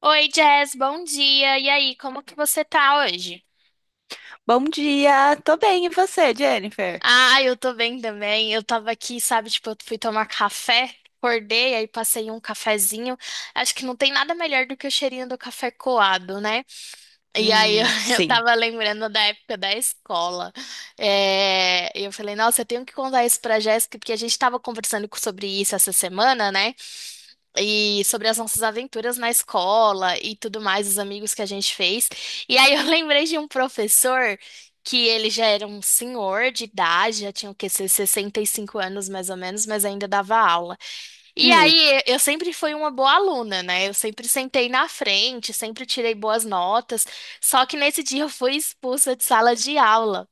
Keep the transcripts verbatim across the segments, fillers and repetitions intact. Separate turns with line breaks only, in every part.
Oi, Jess, bom dia. E aí, como que você tá hoje?
Bom dia, tô bem, e você, Jennifer?
Ah, eu tô bem também. Eu tava aqui, sabe, tipo, eu fui tomar café, acordei, aí passei um cafezinho. Acho que não tem nada melhor do que o cheirinho do café coado, né? E aí eu,
Hum,
eu
sim.
tava lembrando da época da escola. É, e eu falei, nossa, eu tenho que contar isso pra Jéssica, porque a gente tava conversando co- sobre isso essa semana, né? E sobre as nossas aventuras na escola e tudo mais, os amigos que a gente fez. E aí eu lembrei de um professor que ele já era um senhor de idade, já tinha o quê, seus sessenta e cinco anos mais ou menos, mas ainda dava aula. E
Hum.
aí eu sempre fui uma boa aluna, né? Eu sempre sentei na frente, sempre tirei boas notas, só que nesse dia eu fui expulsa de sala de aula.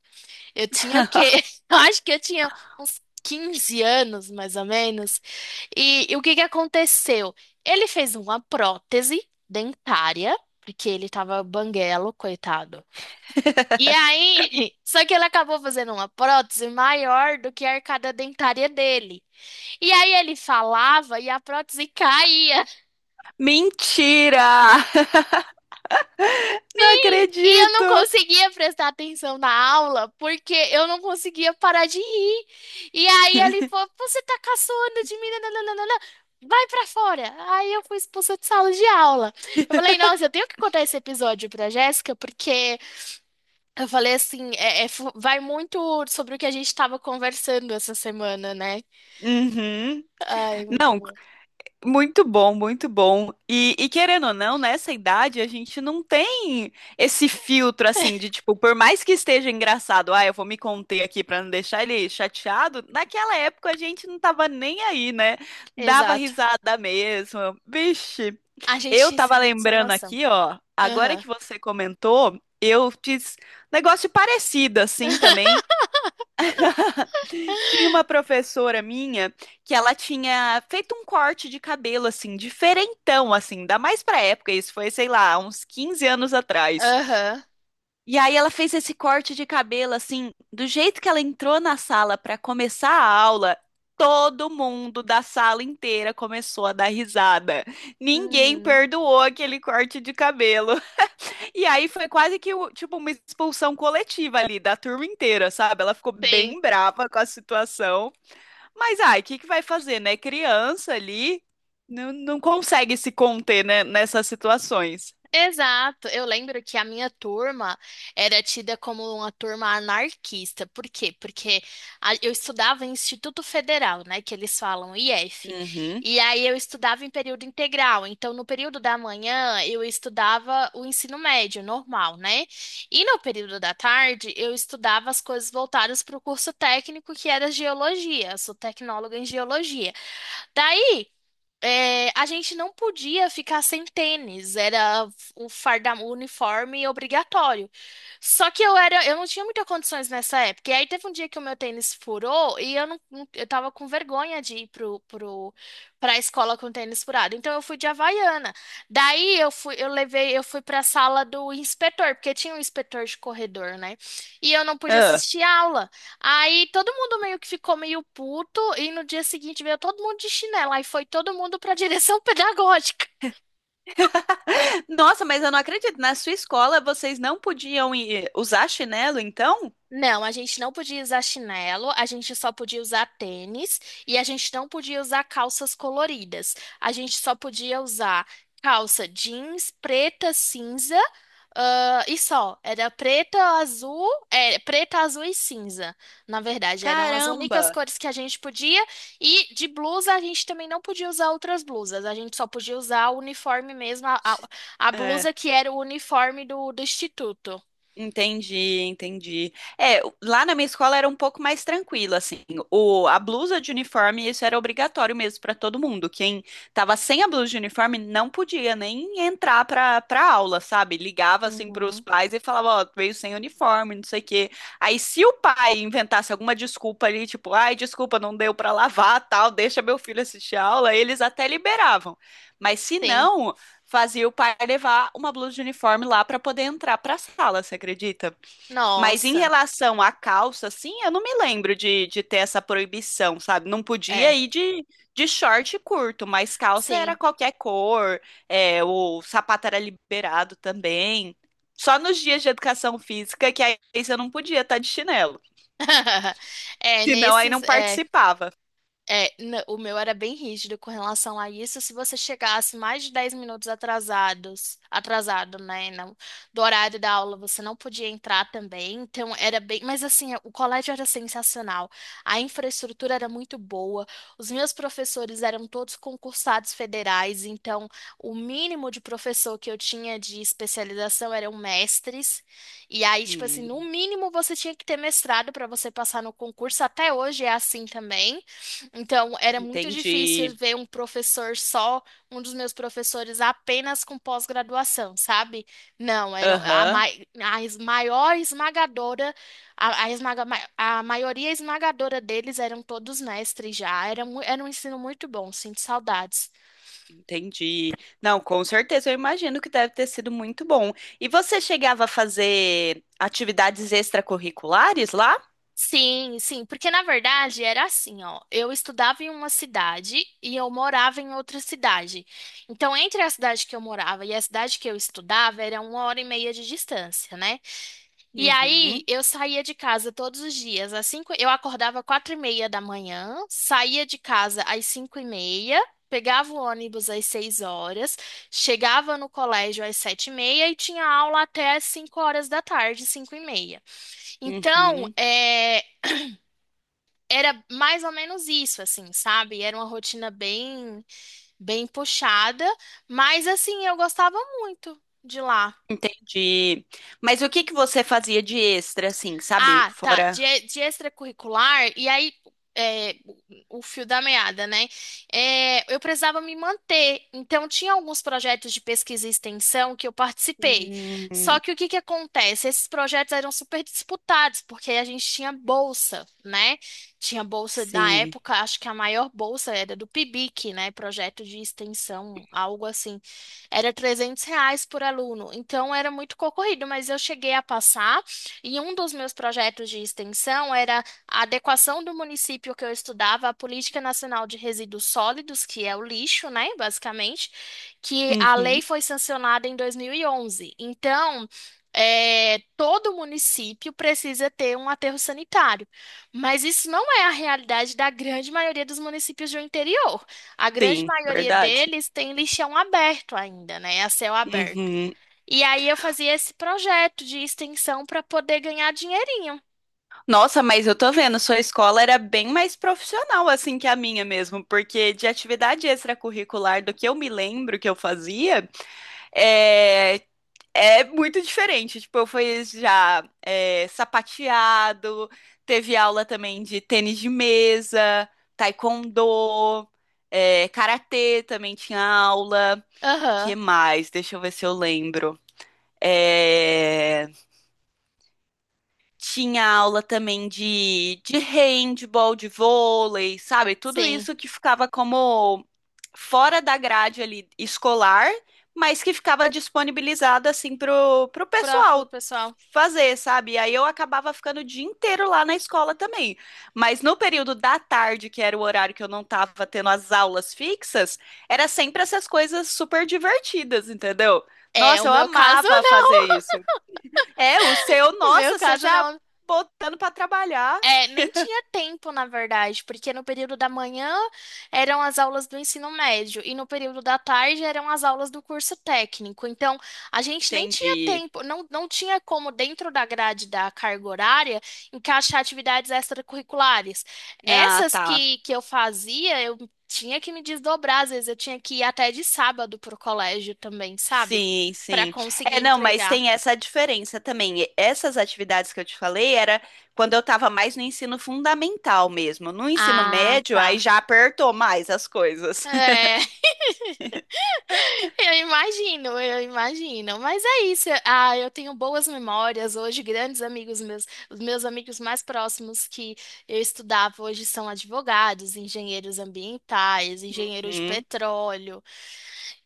Eu tinha o quê? Eu acho que eu tinha uns quinze anos, mais ou menos. E, e o que que aconteceu? Ele fez uma prótese dentária, porque ele tava banguelo, coitado. E aí, só que ele acabou fazendo uma prótese maior do que a arcada dentária dele. E aí ele falava e a prótese caía.
Mentira! Não
E eu não
acredito!
conseguia prestar atenção na aula porque eu não conseguia parar de rir. E aí ele falou: Você tá caçoando de mim, nananana, vai pra fora. Aí eu fui expulsa de sala de aula. Eu falei: Nossa, eu tenho que contar esse episódio pra Jéssica porque eu falei assim: é, é fu- Vai muito sobre o que a gente tava conversando essa semana, né?
Uhum.
Ai, muito
Não,
bom.
muito bom, muito bom. E, e querendo ou não, nessa idade a gente não tem esse filtro assim de tipo, por mais que esteja engraçado, ah, eu vou me conter aqui pra não deixar ele chateado. Naquela época a gente não tava nem aí, né? Dava
Exato.
risada mesmo. Vixe.
A
Eu
gente isso
tava
é muito sem
lembrando
noção.
aqui, ó, agora
Aham.
que você comentou, eu fiz negócio parecido assim também. Tinha uma professora minha que ela tinha feito um corte de cabelo assim, diferentão assim, ainda mais pra época, isso foi, sei lá, uns quinze anos atrás.
Aham.
E aí ela fez esse corte de cabelo assim, do jeito que ela entrou na sala pra começar a aula, todo mundo da sala inteira começou a dar risada. Ninguém
Uhum.
perdoou aquele corte de cabelo. E aí foi quase que o- tipo uma expulsão coletiva ali da turma inteira, sabe? Ela ficou
Sim.
bem brava com a situação. Mas ai, o que que vai fazer, né? Criança ali não, não consegue se conter, né, nessas situações.
Exato, eu lembro que a minha turma era tida como uma turma anarquista. Por quê? Porque a- eu estudava em Instituto Federal, né, que eles falam I F.
Uhum.
E aí eu estudava em período integral. Então, no período da manhã, eu estudava o ensino médio normal, né? E no período da tarde, eu estudava as coisas voltadas para o curso técnico, que era geologia. Eu sou tecnóloga em geologia. Daí é, a gente não podia ficar sem tênis, era o farda, o uniforme obrigatório. Só que eu era, eu não tinha muitas condições nessa época. E aí teve um dia que o meu tênis furou e eu não, não- eu tava com vergonha de ir pro, pro, pra escola com tênis furado. Então eu fui de Havaiana. Daí eu fui, eu levei, eu fui pra sala do inspetor, porque tinha um inspetor de corredor, né? E eu não pude
Ah.
assistir aula. Aí todo mundo meio que ficou meio puto e no dia seguinte veio todo mundo de chinela. Aí foi todo mundo pra direção pedagógica.
Nossa, mas eu não acredito. Na sua escola vocês não podiam ir usar chinelo, então?
Não, a gente não podia usar chinelo, a gente só podia usar tênis e a gente não podia usar calças coloridas. A gente só podia usar calça jeans preta, cinza, ah, e só. Era preta, azul, é, preta, azul e cinza. Na verdade, eram as únicas
Caramba!
cores que a gente podia. E de blusa, a gente também não podia usar outras blusas. A gente só podia usar o uniforme mesmo, a, a, a
É.
blusa que era o uniforme do, do instituto.
Entendi, entendi. É, lá na minha escola era um pouco mais tranquilo, assim. O, a blusa de uniforme, isso era obrigatório mesmo para todo mundo. Quem tava sem a blusa de uniforme não podia nem entrar para para aula, sabe? Ligava assim para os
Uhum.
pais e falava, ó, veio sem uniforme, não sei o quê. Aí se o pai inventasse alguma desculpa ali, tipo, ai, desculpa, não deu para lavar, tal, deixa meu filho assistir a aula, eles até liberavam. Mas se
Sim.
não, fazia o pai levar uma blusa de uniforme lá para poder entrar para a sala, você acredita? Mas em
Nossa,
relação à calça, assim, eu não me lembro de, de ter essa proibição, sabe? Não
é,
podia ir de, de short curto, mas calça era
sim.
qualquer cor, é, o sapato era liberado também. Só nos dias de educação física que aí você não podia estar de chinelo,
É,
senão aí
nesses,
não
é,
participava.
É, n- o meu era bem rígido com relação a isso. Se você chegasse mais de dez minutos atrasados, atrasado, né, não, do horário da aula, você não podia entrar também. Então era bem, mas assim, o colégio era sensacional. A infraestrutura era muito boa. Os meus professores eram todos concursados federais, então o mínimo de professor que eu tinha de especialização eram mestres. E aí, tipo assim,
Hum,
no mínimo você tinha que ter mestrado para você passar no concurso. Até hoje é assim também. Então, era muito difícil
entendi.
ver um professor só, um dos meus professores apenas com pós-graduação, sabe? Não, era a,
Aham.
mai- a es- maior esmagadora, a, a, esmaga- ma- a maioria esmagadora deles eram todos mestres já. Era, mu- era um ensino muito bom, sinto saudades.
Entendi. Não, com certeza, eu imagino que deve ter sido muito bom. E você chegava a fazer atividades extracurriculares lá?
Sim, sim, porque na verdade era assim, ó. Eu estudava em uma cidade e eu morava em outra cidade. Então, entre a cidade que eu morava e a cidade que eu estudava, era uma hora e meia de distância, né? E aí,
Uhum,
eu saía de casa todos os dias. Às cinco, eu acordava quatro e meia da manhã, saía de casa às cinco e meia, pegava o ônibus às seis horas, chegava no colégio às sete e meia e tinha aula até às cinco horas da tarde, cinco e meia. Então,
uhum.
é, era mais ou menos isso, assim, sabe? Era uma rotina bem, bem puxada, mas assim, eu gostava muito de lá.
Entendi. Mas o que que você fazia de extra, assim, sabe?
Ah, tá.
Fora.
De, de extracurricular, e aí é, o o fio da meada, né? É, eu precisava me manter. Então, tinha alguns projetos de pesquisa e extensão que eu participei. Só
Hum,
que o que que acontece? Esses projetos eram super disputados, porque a gente tinha bolsa, né? Tinha bolsa na
sim.
época, acho que a maior bolsa era do PIBIC, né? Projeto de extensão, algo assim. Era trezentos reais por aluno. Então, era muito concorrido, mas eu cheguei a passar. E um dos meus projetos de extensão era a adequação do município que eu estudava à Política Nacional de Resíduos Sólidos, que é o lixo, né, basicamente, que a
Uhum.
lei foi sancionada em dois mil e onze. Então, é, todo município precisa ter um aterro sanitário, mas isso não é a realidade da grande maioria dos municípios do interior. A grande
Sim,
maioria
verdade.
deles tem lixão aberto ainda, né, a céu aberto.
Uhum.
E aí eu fazia esse projeto de extensão para poder ganhar dinheirinho.
Nossa, mas eu tô vendo, sua escola era bem mais profissional assim que a minha mesmo, porque de atividade extracurricular do que eu me lembro que eu fazia, eh, É muito diferente. Tipo, eu fui já é, sapateado, teve aula também de tênis de mesa, taekwondo, é, karatê também tinha aula. Que
Aham,
mais? Deixa eu ver se eu lembro. É, tinha aula também de, de handball, de vôlei, sabe? Tudo
sim.
isso que ficava como fora da grade ali escolar, mas que ficava disponibilizada assim pro, pro
Pro, pro
pessoal
pessoal.
fazer, sabe? E aí eu acabava ficando o dia inteiro lá na escola também. Mas no período da tarde, que era o horário que eu não tava tendo as aulas fixas, era sempre essas coisas super divertidas, entendeu?
É,
Nossa,
o
eu
meu caso
amava fazer
não.
isso. É, o seu,
O meu
nossa, você
caso
já
não.
botando pra trabalhar.
É, nem tinha tempo, na verdade, porque no período da manhã eram as aulas do ensino médio e no período da tarde eram as aulas do curso técnico. Então, a gente nem tinha
Entendi.
tempo, não, não tinha como, dentro da grade da carga horária, encaixar atividades extracurriculares.
Ah,
Essas
tá.
que, que eu fazia, eu tinha que me desdobrar, às vezes eu tinha que ir até de sábado pro colégio também, sabe?
Sim,
Para
sim.
conseguir
É, não, mas
entregar.
tem essa diferença também. E essas atividades que eu te falei era quando eu estava mais no ensino fundamental mesmo. No ensino
Ah,
médio, aí
tá.
já apertou mais as coisas.
É. Eu imagino, eu imagino. Mas é isso. Ah, eu tenho boas memórias hoje, grandes amigos meus, os meus amigos mais próximos que eu estudava hoje são advogados, engenheiros ambientais, engenheiros de
Hum,
petróleo.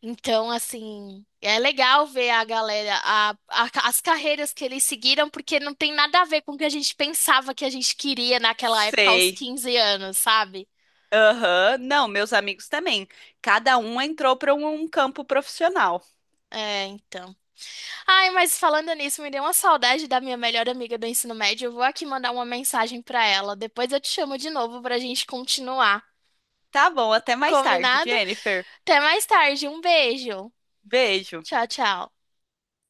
Então, assim, é legal ver a galera, a- a- as carreiras que eles seguiram, porque não tem nada a ver com o que a gente pensava que a gente queria naquela época aos
sei.
quinze anos, sabe?
Aham. Não, meus amigos também. Cada um entrou para um um campo profissional.
É, então. Ai, mas falando nisso, me deu uma saudade da minha melhor amiga do ensino médio. Eu vou aqui mandar uma mensagem pra ela. Depois eu te chamo de novo pra gente continuar.
Tá bom, até mais tarde,
Combinado?
Jennifer.
Até mais tarde. Um beijo.
Beijo.
Tchau, tchau.